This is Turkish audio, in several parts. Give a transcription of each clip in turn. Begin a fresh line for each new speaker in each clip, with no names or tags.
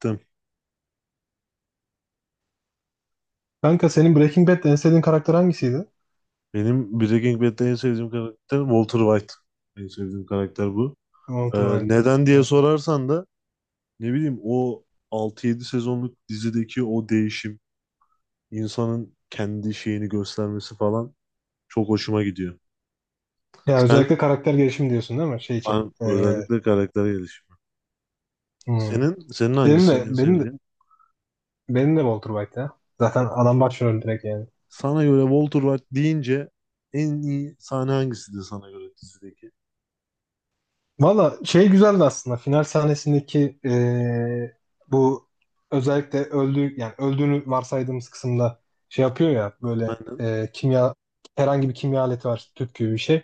Tabii.
Kanka senin Breaking Bad'de en sevdiğin karakter hangisiydi?
Benim Breaking Bad'de en sevdiğim karakter Walter White. En sevdiğim karakter bu.
Walter White.
Neden diye
Ben.
sorarsan da ne bileyim o 6-7 sezonluk dizideki o değişim, insanın kendi şeyini göstermesi falan çok hoşuma gidiyor.
Ya
Sen
özellikle karakter gelişimi diyorsun değil mi? Şey için.
Özellikle karakter gelişimi.
Hmm.
Senin
Benim
hangisi
de
en
benim de,
sevdiğin?
benim de Walter White ya. Zaten adam başrol direkt yani.
Sana göre Walter White deyince en iyi sahne hangisidir sana göre dizideki?
Valla şey güzeldi aslında. Final sahnesindeki bu özellikle öldüğü yani öldüğünü varsaydığımız kısımda şey yapıyor ya böyle
Aynen.
kimya herhangi bir kimya aleti var tüp gibi bir şey.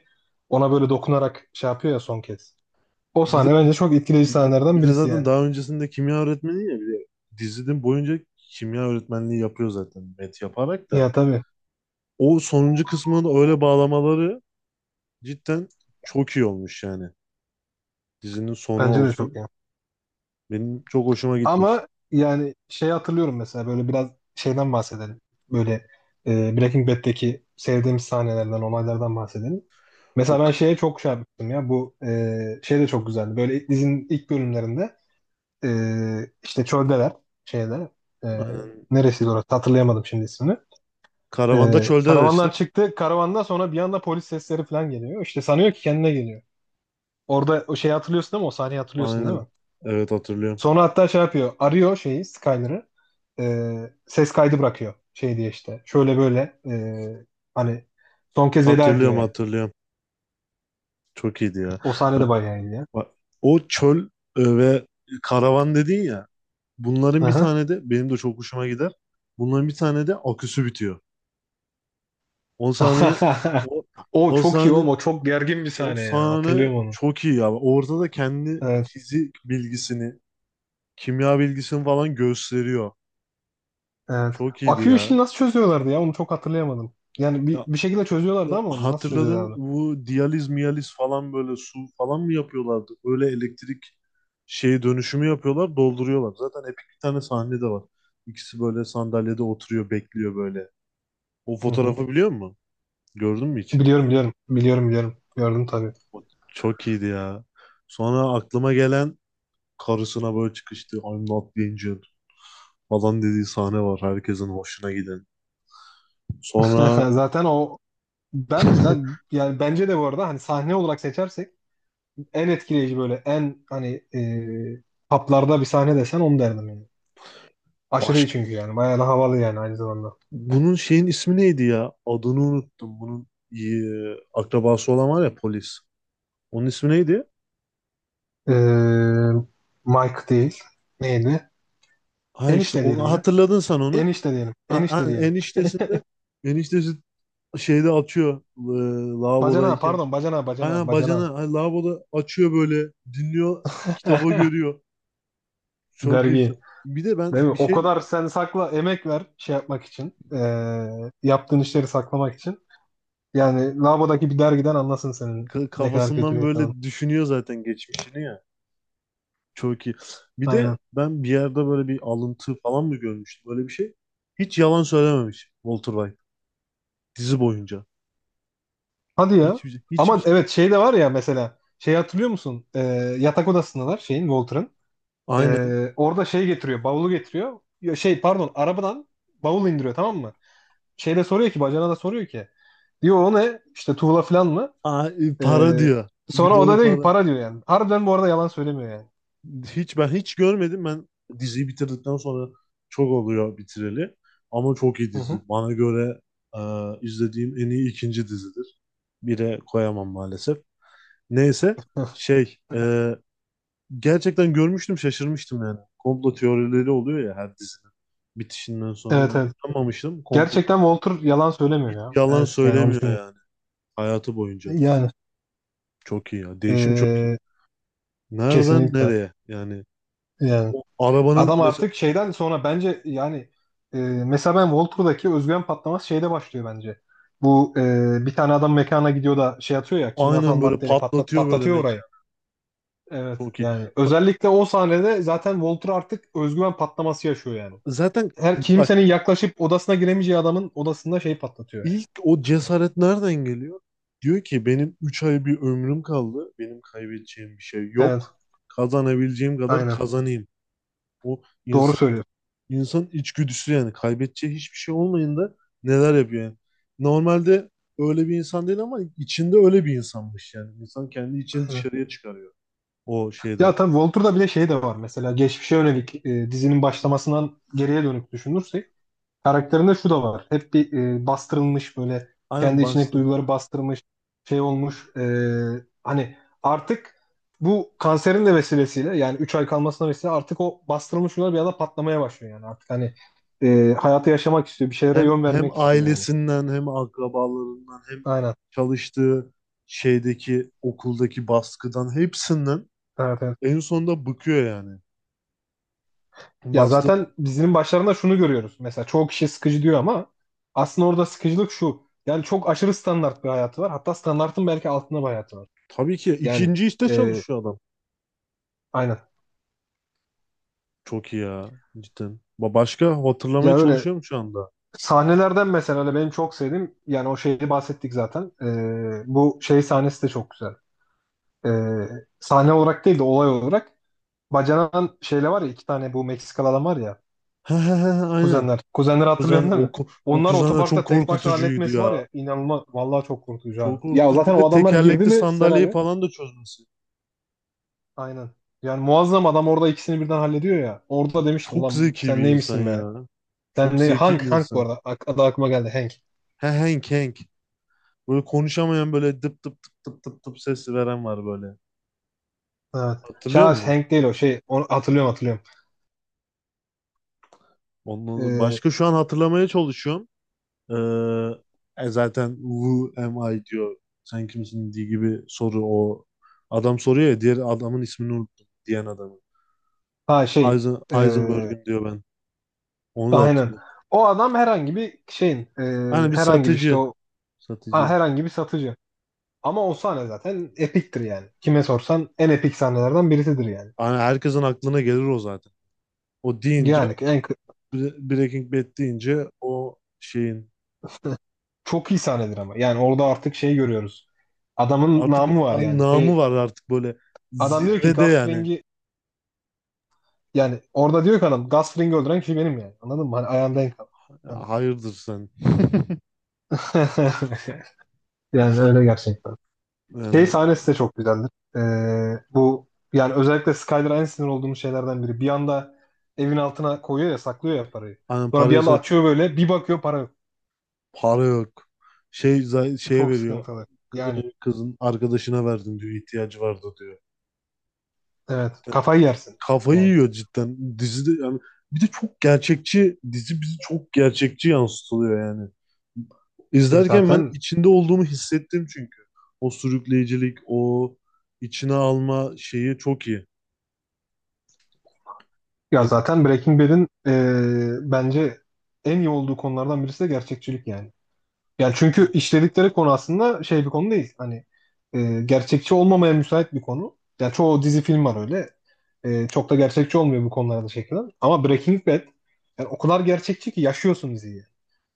Ona böyle dokunarak şey yapıyor ya son kez. O
Bir de
sahne bence çok etkileyici
Bir de, bir
sahnelerden
de
birisi
zaten
yani.
daha öncesinde kimya öğretmeni ya, bir de dizinin boyunca kimya öğretmenliği yapıyor zaten, met yaparak da.
Ya tabii.
O sonuncu kısmını da öyle bağlamaları cidden çok iyi olmuş yani. Dizinin sonu
Bence de çok
olsun.
iyi.
Benim çok hoşuma gitmişti.
Ama yani şey hatırlıyorum mesela böyle biraz şeyden bahsedelim. Böyle Breaking Bad'deki sevdiğimiz sahnelerden, olaylardan bahsedelim.
O
Mesela ben
k-
şeye çok şey yapmıştım ya. Bu şey de çok güzeldi. Böyle dizinin ilk bölümlerinde e, işte çöldeler şeyde e,
aynen.
neresiydi orası hatırlayamadım şimdi ismini. E,
Karavanda çölde
karavandan
araçtık.
çıktı. Karavandan sonra bir anda polis sesleri falan geliyor. İşte sanıyor ki kendine geliyor. Orada o şeyi hatırlıyorsun değil mi? O sahneyi hatırlıyorsun değil
Aynen.
mi?
Evet, hatırlıyorum.
Sonra hatta şey yapıyor. Arıyor şeyi Skyler'ı. Ses kaydı bırakıyor. Şey diye işte. Şöyle böyle hani son kez veda
Hatırlıyorum,
ediyor yani.
hatırlıyorum. Çok iyiydi ya.
O sahne de bayağı iyi ya.
Bak, o çöl ve karavan dedin ya. Bunların bir
Aha.
tane de benim de çok hoşuma gider. Bunların bir tane de aküsü bitiyor. 10 saniye. o,
O
o
çok iyi
sahne
oğlum. O çok gergin bir
o
sahne ya.
sahne
Hatırlıyorum onu.
çok iyi ya. Orada da kendi
Evet.
fizik bilgisini, kimya bilgisini falan gösteriyor.
Evet.
Çok iyiydi
Akü
ya.
işini nasıl çözüyorlardı ya? Onu çok hatırlayamadım. Yani bir,
Ya,
bir şekilde çözüyorlardı
ya
ama onu nasıl
hatırladım,
çözüyorlardı?
bu diyaliz miyaliz falan böyle su falan mı yapıyorlardı? Öyle elektrik şeyi dönüşümü yapıyorlar, dolduruyorlar. Zaten epik bir tane sahne de var. İkisi böyle sandalyede oturuyor, bekliyor böyle. O
Hı hı.
fotoğrafı biliyor musun? Gördün mü hiç?
Biliyorum biliyorum. Biliyorum biliyorum. Gördüm tabii.
O Çok iyiydi ya. Sonra aklıma gelen, karısına böyle çıkıştı, "I'm not the angel" falan dediği sahne var, herkesin hoşuna giden. Sonra
Zaten o ben zaten yani bence de bu arada hani sahne olarak seçersek en etkileyici böyle en hani haplarda bir sahne desen onu derdim yani. Aşırı iyi
başka
çünkü yani. Bayağı da havalı yani aynı zamanda.
bunun şeyin ismi neydi ya? Adını unuttum. Bunun akrabası olan var ya, polis. Onun ismi neydi?
E, Mike değil. Neydi?
Ha, işte
Enişte diyelim
onu
ya.
hatırladın sen, onu.
Enişte diyelim.
Ha, ha,
Enişte diyelim.
eniştesi şeyde açıyor
Bacana
lavabodayken.
pardon bacana bacana
Aynen, bacana,
bacana.
ha, lavaboda açıyor böyle, dinliyor, kitabı görüyor. Çok iyi.
Dergi.
Bir de ben
Değil mi?
bir
O
şey
kadar sen sakla emek ver şey yapmak için. Yaptığın işleri saklamak için. Yani lavabodaki bir dergiden anlasın senin
Ka-
ne kadar kötü
Kafasından
bir insanın.
böyle düşünüyor zaten geçmişini ya. Çok iyi. Bir
Aynen.
de ben bir yerde böyle bir alıntı falan mı görmüştüm böyle, bir şey. Hiç yalan söylememiş Walter White dizi boyunca.
Hadi ya.
Hiçbir
Aman
şey,
evet şey de var ya mesela. Şey hatırlıyor musun? Yatak odasındalar şeyin Walter'ın.
aynen.
Orada şey getiriyor. Bavulu getiriyor. Ya Şey pardon arabadan bavul indiriyor tamam mı? Şeyde soruyor ki bacana da soruyor ki. Diyor o ne? İşte tuğla falan mı?
Aa, para
Ee,
diyor. Bir
sonra o da
dolu
diyor ki
para.
para diyor yani. Harbiden bu arada yalan söylemiyor yani.
Hiç, ben hiç görmedim. Ben diziyi bitirdikten sonra çok oluyor bitireli. Ama çok iyi
Hı hı.
dizi. Bana göre e, izlediğim en iyi ikinci dizidir. Bire koyamam maalesef. Neyse, şey e, gerçekten görmüştüm, şaşırmıştım yani. Komplo teorileri oluyor ya her dizinin bitişinden sonra.
Evet
Ben
evet.
inanmamıştım.
Gerçekten Walter yalan söylemiyor
Hiç
ya.
yalan
Evet yani onu
söylemiyor
düşünüyorum.
yani hayatı boyunca.
Yani
Çok iyi ya. Değişim çok iyi.
ee,
Nereden
kesinlikle.
nereye? Yani,
Yani.
o arabanın
Adam
mesela,
artık şeyden sonra bence yani mesela ben Walter'daki özgüven patlaması şeyde başlıyor bence. Bu bir tane adam mekana gidiyor da şey atıyor ya kimyasal
aynen böyle
maddeyle patlat
patlatıyor böyle
patlatıyor orayı.
mekan.
Evet
Çok iyi.
yani
Bak,
özellikle o sahnede zaten Walter artık özgüven patlaması yaşıyor yani.
zaten
Her
bak,
kimsenin yaklaşıp odasına giremeyeceği adamın odasında şey patlatıyor yani.
ilk o cesaret nereden geliyor? Diyor ki benim 3 ay bir ömrüm kaldı. Benim kaybedeceğim bir şey
Evet
yok. Kazanabileceğim kadar
aynen
kazanayım. Bu
doğru
insan.
söylüyorsun.
İnsanın içgüdüsü yani, kaybedeceği hiçbir şey olmayınca neler yapıyor yani. Normalde öyle bir insan değil ama içinde öyle bir insanmış yani. İnsan kendi içini
Aynen.
dışarıya çıkarıyor o şeyde.
Ya tabii Walter'da bir de şey de var mesela geçmişe yönelik dizinin başlamasından geriye dönük düşünürsek karakterinde şu da var. Hep bir bastırılmış böyle
Aynen,
kendi içindeki
bastı.
duyguları bastırmış şey olmuş. Hani artık bu kanserin de vesilesiyle yani 3 ay kalmasına vesile artık o bastırılmış duygular bir anda patlamaya başlıyor yani. Artık hani hayatı yaşamak istiyor. Bir şeylere
Hem
yön
hem
vermek istiyor yani.
ailesinden, hem akrabalarından, hem
Aynen.
çalıştığı şeydeki okuldaki baskıdan, hepsinden
Evet, evet.
en sonunda bıkıyor yani.
Ya
Bastı.
zaten dizinin başlarında şunu görüyoruz. Mesela çoğu kişi sıkıcı diyor ama aslında orada sıkıcılık şu. Yani çok aşırı standart bir hayatı var. Hatta standartın belki altında bir hayatı var.
Tabii ki
Yani
ikinci işte
e,
çalışıyor adam.
aynen.
Çok iyi ya cidden. Başka hatırlamaya
Ya öyle
çalışıyorum şu anda.
sahnelerden mesela hani benim çok sevdiğim yani o şeyi bahsettik zaten. Bu şey sahnesi de çok güzel. Ee, sahne olarak değil de olay olarak. Bacanan şeyle var ya iki tane bu Meksikalı adam var ya.
He he he he, aynen.
Kuzenler. Kuzenleri
Kuzen
hatırlıyorsun değil
o,
mi?
o
Onlar
kuzen de çok
otoparkta tek başına
korkutucuydu
halletmesi
ya.
var ya inanılmaz. Vallahi çok korkutucu abi.
Çok
Ya
korkutucu.
zaten
Bir
o
de
adamlar girdi
tekerlekli
mi
sandalyeyi
senaryo?
falan da çözmesi.
Aynen. Yani muazzam adam orada ikisini birden hallediyor ya. Orada demiştim
Çok
ulan
zeki
sen
bir insan
neymişsin be?
ya. Çok
Sen ne?
zeki
Hank,
bir
Hank bu
insan.
arada. Ak- adı aklıma geldi Hank.
He, Hank, Hank. Böyle konuşamayan, böyle dıp dıp dıp dıp dıp dıp ses veren var böyle.
Evet.
Hatırlıyor
Şahs
musun?
Hank değil o şey. Onu hatırlıyorum hatırlıyorum.
Ondan
Ee,
başka şu an hatırlamaya çalışıyorum. Ee, Zaten "who am I" diyor. Sen kimsin diye gibi soru o. Adam soruyor ya, diğer adamın ismini unuttum, diyen adamı.
ha şey. ee,
Heisenberg'im diyor ben. Onu da
aynen.
hatırlıyorum.
O adam herhangi bir şeyin
Hani bir
herhangi bir işte
satıcı.
o ha,
Satıcı.
herhangi bir satıcı. Ama o sahne zaten epiktir yani. Kime sorsan en epik sahnelerden birisidir yani.
Hani herkesin aklına gelir o zaten. O deyince,
Yani en kı-
Breaking Bad deyince o şeyin,
çok iyi sahnedir ama. Yani orada artık şey görüyoruz. Adamın
artık
namı var yani.
namı
Şey,
var artık, böyle
adam diyor ki
zirvede
Gus
yani.
Fring'i yani orada diyor ki adam Gus Fring'i öldüren kişi benim yani. Anladın mı? Hani ayağımda en kal. Yani.
Hayırdır sen.
Yani öyle gerçekten. Şey
Yani
sahnesi de çok güzeldir. Bu yani özellikle Skyler'a en sinir olduğum şeylerden biri. Bir anda evin altına koyuyor ya saklıyor ya parayı.
hani
Sonra bir anda
paraysa,
açıyor böyle bir bakıyor para yok.
para yok. Şeye
Çok
veriyor.
sıkıntılı. Yani
Kızın arkadaşına verdim diyor, ihtiyacı vardı diyor.
evet kafayı yersin.
Kafayı
Yani
yiyor cidden. Dizide yani, bir de çok gerçekçi dizi, bizi çok gerçekçi yansıtılıyor yani.
biz
İzlerken ben
zaten
içinde olduğumu hissettim çünkü. O sürükleyicilik, o içine alma şeyi çok iyi.
ya
Yani,
zaten Breaking Bad'in bence en iyi olduğu konulardan birisi de gerçekçilik yani. Yani çünkü işledikleri konu aslında şey bir konu değil. Hani gerçekçi olmamaya müsait bir konu. Yani çoğu dizi film var öyle. Çok da gerçekçi olmuyor bu konularda çekilen. Ama Breaking Bad yani o kadar gerçekçi ki yaşıyorsun diziyi.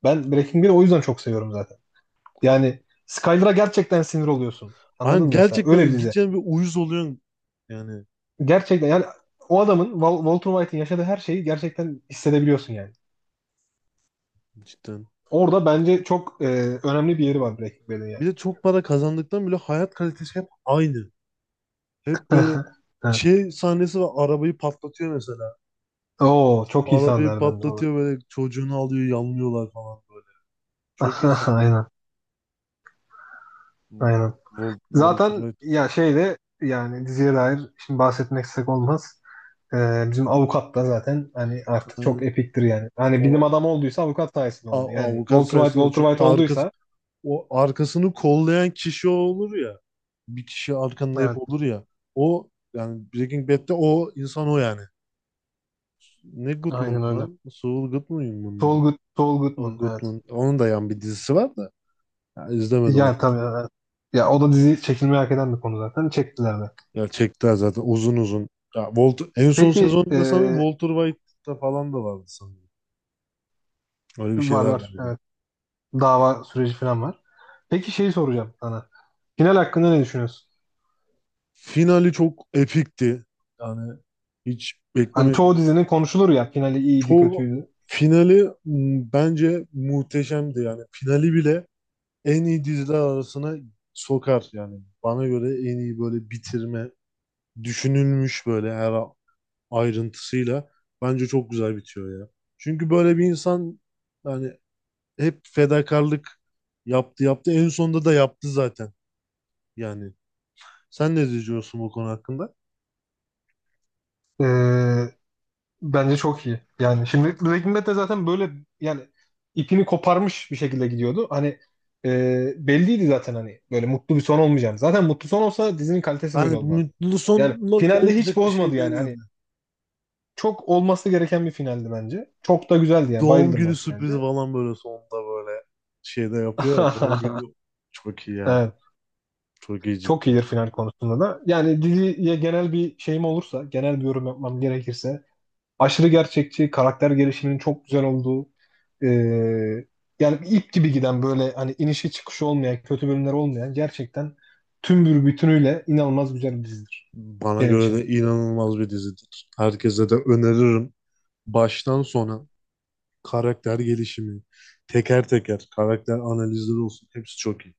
Ben Breaking Bad'i o yüzden çok seviyorum zaten. Yani Skyler'a gerçekten sinir oluyorsun. Anladın mı mesela? Öyle bir
gerçekten
dizi.
gideceğin bir uyuz oluyorsun yani,
Gerçekten yani o adamın Wal- Walter White'in yaşadığı her şeyi gerçekten hissedebiliyorsun yani.
cidden.
Orada bence çok önemli bir yeri var Breaking Bad'in yani.
Bir de çok para kazandıktan bile hayat kalitesi hep aynı. Hep böyle,
Evet.
şey sahnesi var, arabayı patlatıyor mesela.
Oo çok iyi
Arabayı
sahnelerdendir o.
patlatıyor böyle, çocuğunu alıyor, yanlıyorlar falan. Çok iyi sahne.
Aynen, aynen.
Walter
Zaten
White.
ya şeyde yani diziye dair şimdi bahsetmeksek olmaz. Bizim avukat da zaten hani artık
Ha,
çok epiktir yani. Hani bilim
O
adamı olduysa avukat sayesinde oldu.
a-
Yani
avukat
Walter White
sayesinde,
Walter
çünkü
White
arkası,
olduysa
o arkasını kollayan kişi o olur ya. Bir kişi arkanda hep
evet
olur ya. O yani, Breaking Bad'de o insan o yani. Ne
aynen
Goodman'dı
öyle.
lan? Saul Goodman mıydı?
Saul, Good, Saul
O
Goodman evet.
Goodman. Onun da yan bir dizisi var da. Ya, izlemedim
Yani
onu.
tabii evet. Ya o da dizi çekilmeyi hak eden bir konu zaten. Çektiler de.
Ya, çektiler zaten uzun uzun. Ya Walter, en son
Peki
sezonda sanırım Walter White'da falan da vardı sanırım. Öyle bir
var
şeyler
var
vardı.
evet. Dava süreci falan var. Peki şeyi soracağım sana. Final hakkında ne düşünüyorsun?
Finali çok epikti. Yani hiç
Hani çoğu
beklemediğim.
dizinin konuşulur ya finali iyiydi
Çoğu
kötüydü.
Finali bence muhteşemdi yani. Finali bile en iyi diziler arasına sokar yani. Bana göre en iyi böyle bitirme, düşünülmüş böyle her ayrıntısıyla, bence çok güzel bitiyor ya. Çünkü böyle bir insan yani, hep fedakarlık yaptı yaptı, en sonunda da yaptı zaten yani. Sen ne diyorsun bu konu hakkında?
Ee, bence çok iyi. Yani şimdi Breaking Bad de zaten böyle yani ipini koparmış bir şekilde gidiyordu. Hani belliydi zaten hani böyle mutlu bir son olmayacağını. Zaten mutlu son olsa dizinin kalitesi böyle
Hani
olmazdı.
mutlu
Yani
sonla
finalde hiç
olacak bir
bozmadı
şey değil
yani. Hani
yani.
çok olması gereken bir finaldi bence. Çok da güzeldi yani.
Doğum
Bayıldım
günü
ben
sürprizi
finalde.
falan böyle sonunda böyle şeyde yapıyor ya. Doğum günü, çok iyi ya.
Evet.
Çok iyi
Çok
cidden.
iyidir final konusunda da. Yani diziye genel bir şeyim olursa, genel bir yorum yapmam gerekirse aşırı gerçekçi, karakter gelişiminin çok güzel olduğu, e, yani bir ip gibi giden böyle hani inişi çıkışı olmayan, kötü bölümler olmayan gerçekten tüm bir bütünüyle inanılmaz güzel bir dizidir
Bana
benim
göre
için.
de inanılmaz bir dizidir. Herkese de öneririm. Baştan sona karakter gelişimi, teker teker karakter analizleri olsun. Hepsi çok iyi.